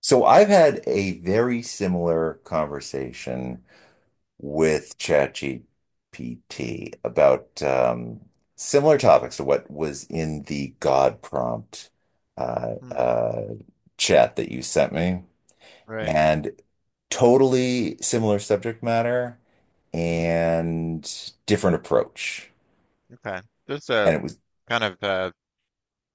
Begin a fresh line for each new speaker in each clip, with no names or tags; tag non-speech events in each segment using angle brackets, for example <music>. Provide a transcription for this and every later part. So I've had a very similar conversation with ChatGPT about similar topics to what was in the God prompt uh,
Hmm,
uh, chat that you sent me. Mm.
right.
And totally similar subject matter
Hmm,
and different approach.
okay. Just
And it was,
kind of uh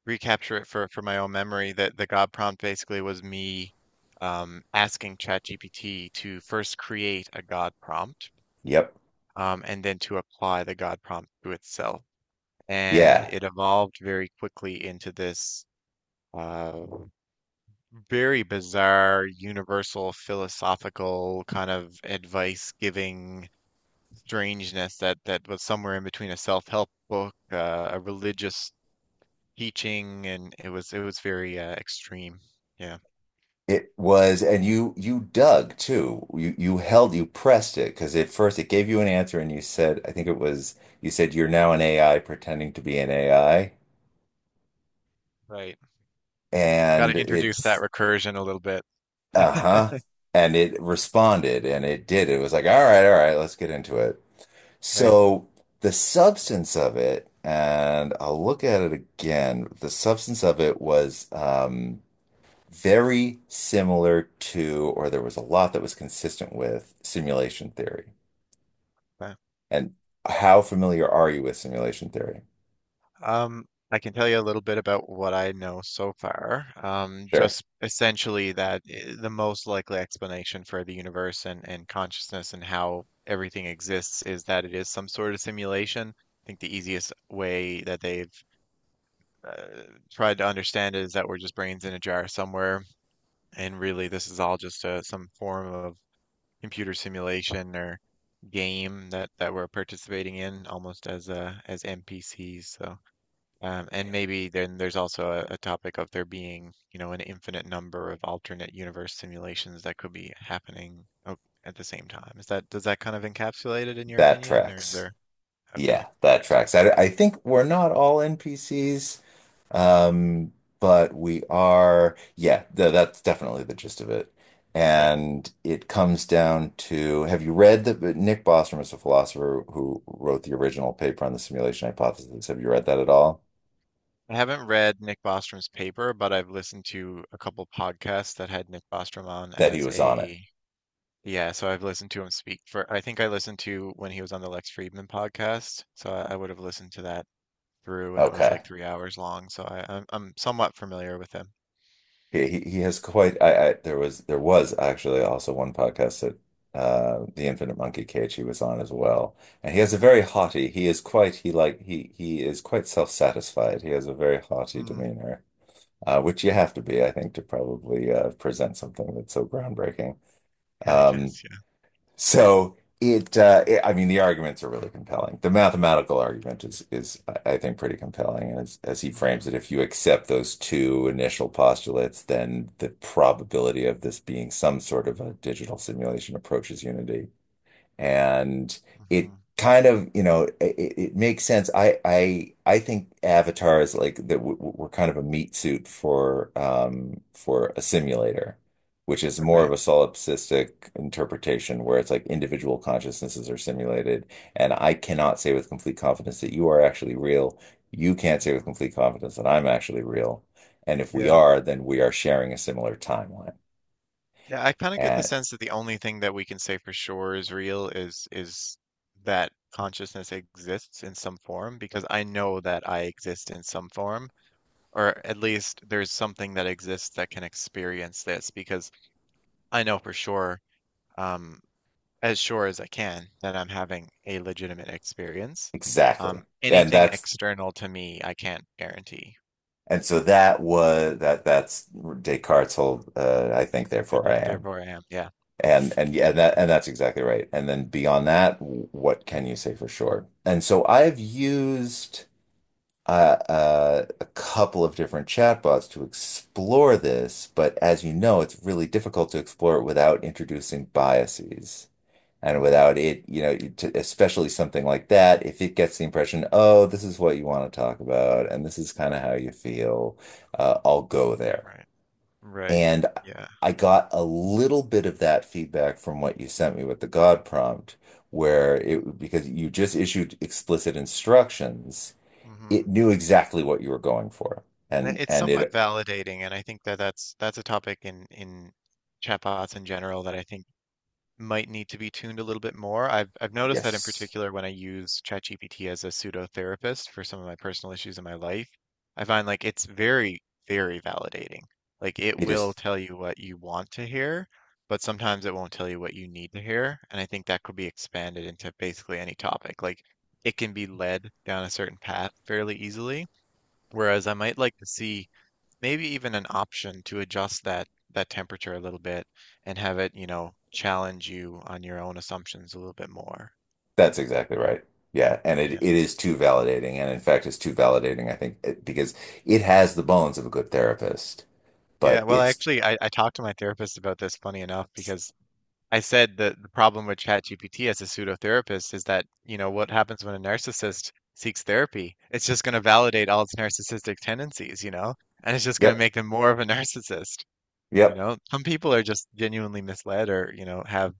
recapture it for my own memory that the God prompt basically was me asking ChatGPT to first create a God prompt,
yep,
and then to apply the God prompt to itself. And
yeah,
it evolved very quickly into this uh very bizarre universal philosophical kind of advice giving strangeness that was somewhere in between a self-help book, a religious teaching, and it was very extreme. Yeah,
it was. And you dug too. You held, you pressed it because at first it gave you an answer, and you said, I think it was, you said you're now an AI pretending to be an AI,
right. Got
and
to introduce that
it's
recursion a little bit.
uh-huh,
<laughs>
and it responded, and it did. It was like, all right, let's get into it.
Right.
So the substance of it, and I'll look at it again. The substance of it was, very similar to, or there was a lot that was consistent with simulation theory.
but,
And how familiar are you with simulation theory?
Um, I can tell you a little bit about what I know so far.
Sure.
Just essentially that the most likely explanation for the universe and consciousness and how everything exists is that it is some sort of simulation. I think the easiest way that they've uh, tried to understand it is that we're just brains in a jar somewhere, and really this is all just some form of computer simulation or game that we're participating in almost as as NPCs. So and maybe then there's also a topic of there being, you know, an infinite number of alternate universe simulations that could be happening at the same time. Is that, does that kind of encapsulate it in your
That
opinion, or is
tracks.
there? Okay,
Yeah, that
correct.
tracks. I think we're not all NPCs, um, but we are. Yeah, th that's definitely the gist of it.
Right.
And it comes down to, have you read that? Nick Bostrom is a philosopher who wrote the original paper on the simulation hypothesis. Have you read that at all?
I haven't read Nick Bostrom's paper, but I've listened to a couple podcasts that had Nick Bostrom on
That he
as
was on it.
a— yeah, so I've listened to him speak for, I think I listened to when he was on the Lex Friedman podcast. So I would have listened to that through, and it was
Okay.
like 3 hours long. So I'm somewhat familiar with him.
He has quite. I there was actually also one podcast that the Infinite Monkey Cage he was on as well, and he has a very
Okay.
haughty. He is quite. He is quite self-satisfied. He has a very haughty
Mm,
demeanor, which you have to be, I think, to probably present something that's so groundbreaking.
<laughs> I
Um,
guess, yeah.
so it, it, I mean, the arguments are really compelling. The mathematical argument is, is I think, pretty compelling. And as he frames
Hmm.
it, if you accept those two initial postulates, then the probability of this being some sort of a digital simulation approaches unity, and it
Hmm.
kind of, you know, it makes sense. I think Avatar is like that. We're kind of a meat suit for a simulator, which is more
Okay.
of a solipsistic interpretation, where it's like individual consciousnesses are simulated, and I cannot say with complete confidence that you are actually real. You can't say with
Hmm.
complete confidence that I'm actually real, and if we
Yeah.
are, then we are sharing a similar timeline,
Yeah, I kind of get the
and
sense that the only thing that we can say for sure is real is that consciousness exists in some form, because I know that I exist in some form, or at least there's something that exists that can experience this. Because I know for sure, um, as sure as I can, that I'm having a legitimate experience.
exactly, and
Anything
that's.
external to me, I can't guarantee.
And so that was that that's Descartes' whole I think
I
therefore I
think,
am.
therefore I am. Yeah.
And yeah, that and that's exactly right. And then beyond that, what can you say for sure? And so I've used a couple of different chatbots to explore this, but as you
Mhm.
know, it's really difficult to explore it without introducing biases. And
Mm,
without it, you know, to, especially something like that, if it gets the impression, oh, this is what you want to talk about, and this is kind of how you feel, I'll go there.
right. Right.
And
Yeah,
I got a little bit of that feedback from what you sent me with the God prompt, where
yeah.
it, because you just issued explicit instructions, it
Hmm.
knew exactly what you were going for.
It's
And
somewhat
it,
validating, and I think that that's a topic in chatbots in general that I think might need to be tuned a little bit more. I've noticed that in
yes,
particular when I use ChatGPT as a pseudo therapist for some of my personal issues in my life, I find like it's very, very validating. Like it
it
will
is.
tell you what you want to hear, but sometimes it won't tell you what you need to hear. And I think that could be expanded into basically any topic. Like it can be led down a certain path fairly easily, whereas I might like to see maybe even an option to adjust that temperature a little bit and have it, you know, challenge you on your own assumptions a little bit more.
That's exactly right. Yeah, and it,
Yeah.
it is too validating, and in fact, it's too validating, I think, because it has the bones of a good therapist,
Yeah,
but
well,
it's
actually, I talked to my therapist about this, funny enough. Because I said that the problem with ChatGPT as a pseudotherapist is that, you know, what happens when a narcissist seeks therapy? It's just going to validate all its narcissistic tendencies, you know, and it's just going to
yep,
make them more of a <laughs> narcissist. You
yep.
know, some people are just genuinely misled, or, you know, have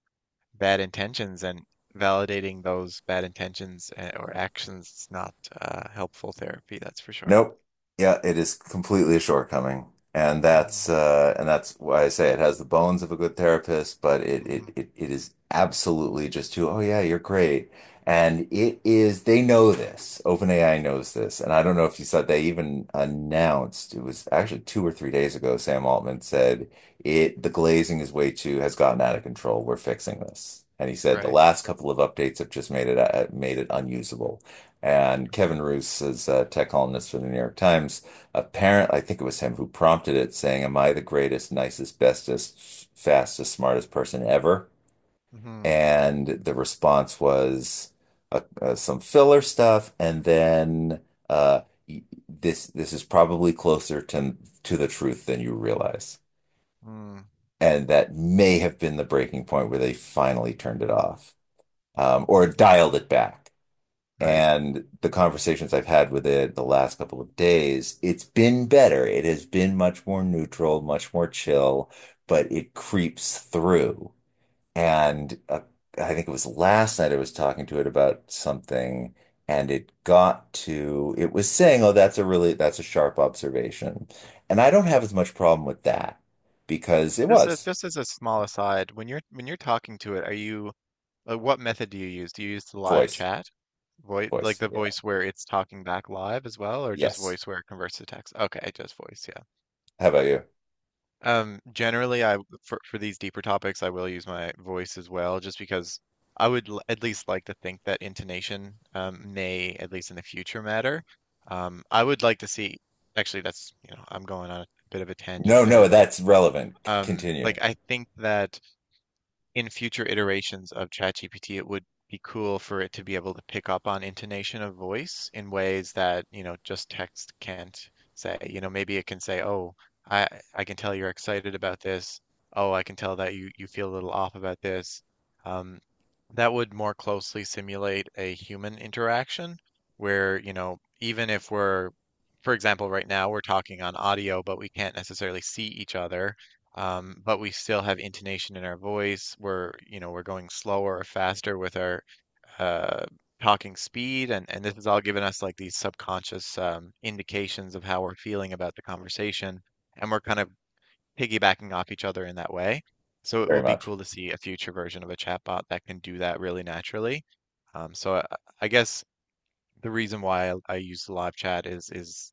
bad intentions, and validating those bad intentions or actions is not helpful therapy, that's for sure.
Nope. Yeah, it is completely a shortcoming.
Hmm.
And that's why I say it has the bones of a good therapist, but
Hmm.
it is absolutely just too, oh yeah, you're great. And it is, they know this. OpenAI knows this. And I don't know if you saw, they even announced, it was actually two or three days ago, Sam Altman said it, the glazing is way too has gotten out of control. We're fixing this. And he said the
Right.
last couple of updates have just made it unusable. And
Okay.
Kevin Roose is a tech columnist for the New York Times. Apparently, I think it was him who prompted it, saying, am I the greatest, nicest, bestest, fastest, smartest person ever?
Hmm.
And the response was some filler stuff. And then uh, this this is probably closer to the truth than you realize.
Mm.
And that may have been the breaking point where they finally turned it off, or
Mm.
dialed it back.
Right.
And the conversations I've had with it the last couple of days, it's been better. It has been much more neutral, much more chill, but it creeps through. And I think it was last night I was talking to it about something, and it got to, it was saying, oh, that's a really, that's a sharp observation. And I don't have
Mm.
as much problem with that because it
Just as—
was
just as a small aside, when you're— when you're talking to it, are you, like, what method do you use? Do you use the live
voice,
chat? Voice, like
voice.
the
Yeah.
voice where it's talking back live as well, or just
Yes.
voice where it converts to text? Okay, just voice, yeah.
How about you?
Generally, I, for these deeper topics, I will use my voice as well, just because I would l at least like to think that intonation, may, at least in the future, matter. I would like to see. Actually, that's, you know, I'm going on a bit of a tangent
No,
there,
no,
but
that's relevant. Continue
like, I think that in future iterations of ChatGPT, it would be cool for it to be able to pick up on intonation of voice in ways that, you know, just text can't say. You know, maybe it can say, "Oh, I I can tell you're excited about this. Oh, I can tell that you feel a little off about this." Um, that would more closely simulate a human interaction where, you know, even if we're, for example, right now we're talking on audio, but we can't necessarily see each other, but we still have intonation in our voice. We're, you know, we're going slower or faster with our uh, talking speed, and this has all given us, like, these subconscious indications of how we're feeling about the conversation, and we're kind of piggybacking off each other in that way. So it
very
will be
much.
cool to see a future version of a chatbot that can do that really naturally. So I guess the reason why I use live chat is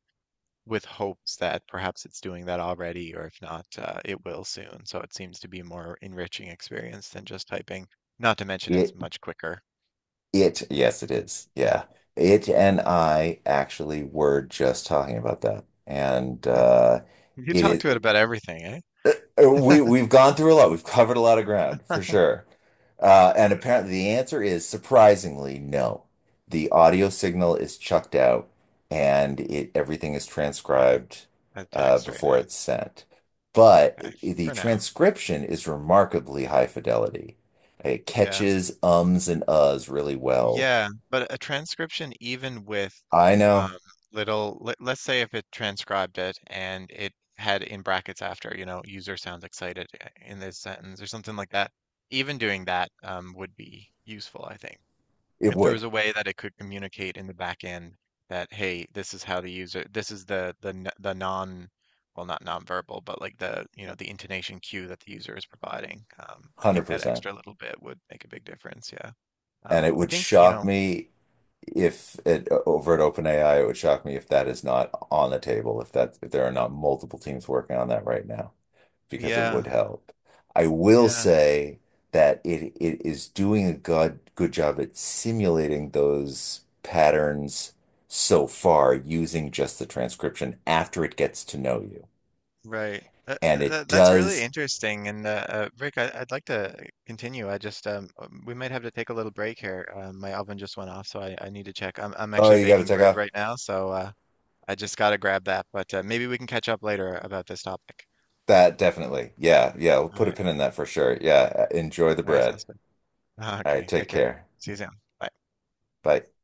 with hopes that perhaps it's doing that already, or if not, it will soon. So it seems to be a more enriching experience than just typing. Not to mention it's
It,
much quicker.
it, yes, it is. Yeah. It and I actually were just talking about that. And
Hmm. You
it
talk to it
is.
about everything, eh?
Uh, We we've gone through a lot. We've covered a lot of ground for sure. And
Yeah.
apparently the answer is surprisingly no. The audio signal is chucked out and it everything is
Like
transcribed
the text right
before
now.
it's sent. But
Okay,
i- the
for now.
transcription is remarkably high fidelity. It
Yeah.
catches ums and uhs really well.
Yeah, but a transcription, even with
I know
um, little— let's say if it transcribed it and it had in brackets after, you know, user sounds excited in this sentence or something like that, even doing that, would be useful, I think.
it
If there was
would,
a way that it could communicate in the back end that, hey, this is how the user— this is the the non— well, not nonverbal, but like the, you know, the intonation cue that the user is providing. I think that
100%.
extra little bit would make a big difference. Yeah.
And it
I
would
think, you
shock
know,
me if it over at OpenAI, it would shock me if that is not on the table, if that if there are not multiple teams working on that right now, because it would
yeah,
help. I will
yeah,
say that it is doing a good job at simulating those patterns so far using just the transcription after it gets to know you.
right.
And it
That's really
does.
interesting. And, Rick, I, I'd like to continue. I just, we might have to take a little break here. My oven just went off, so I need to check. I'm
Oh,
actually
you got to
baking
take
bread
off.
right now, so I just got to grab that. But maybe we can catch up later about this topic.
That definitely. Yeah, yeah. We'll
All
put a
right,
pin in that for sure. Yeah. Enjoy the
all right,
bread.
sounds good. <laughs>
All right.
Okay, take
Take
care.
care.
See you soon. Bye.
Bye.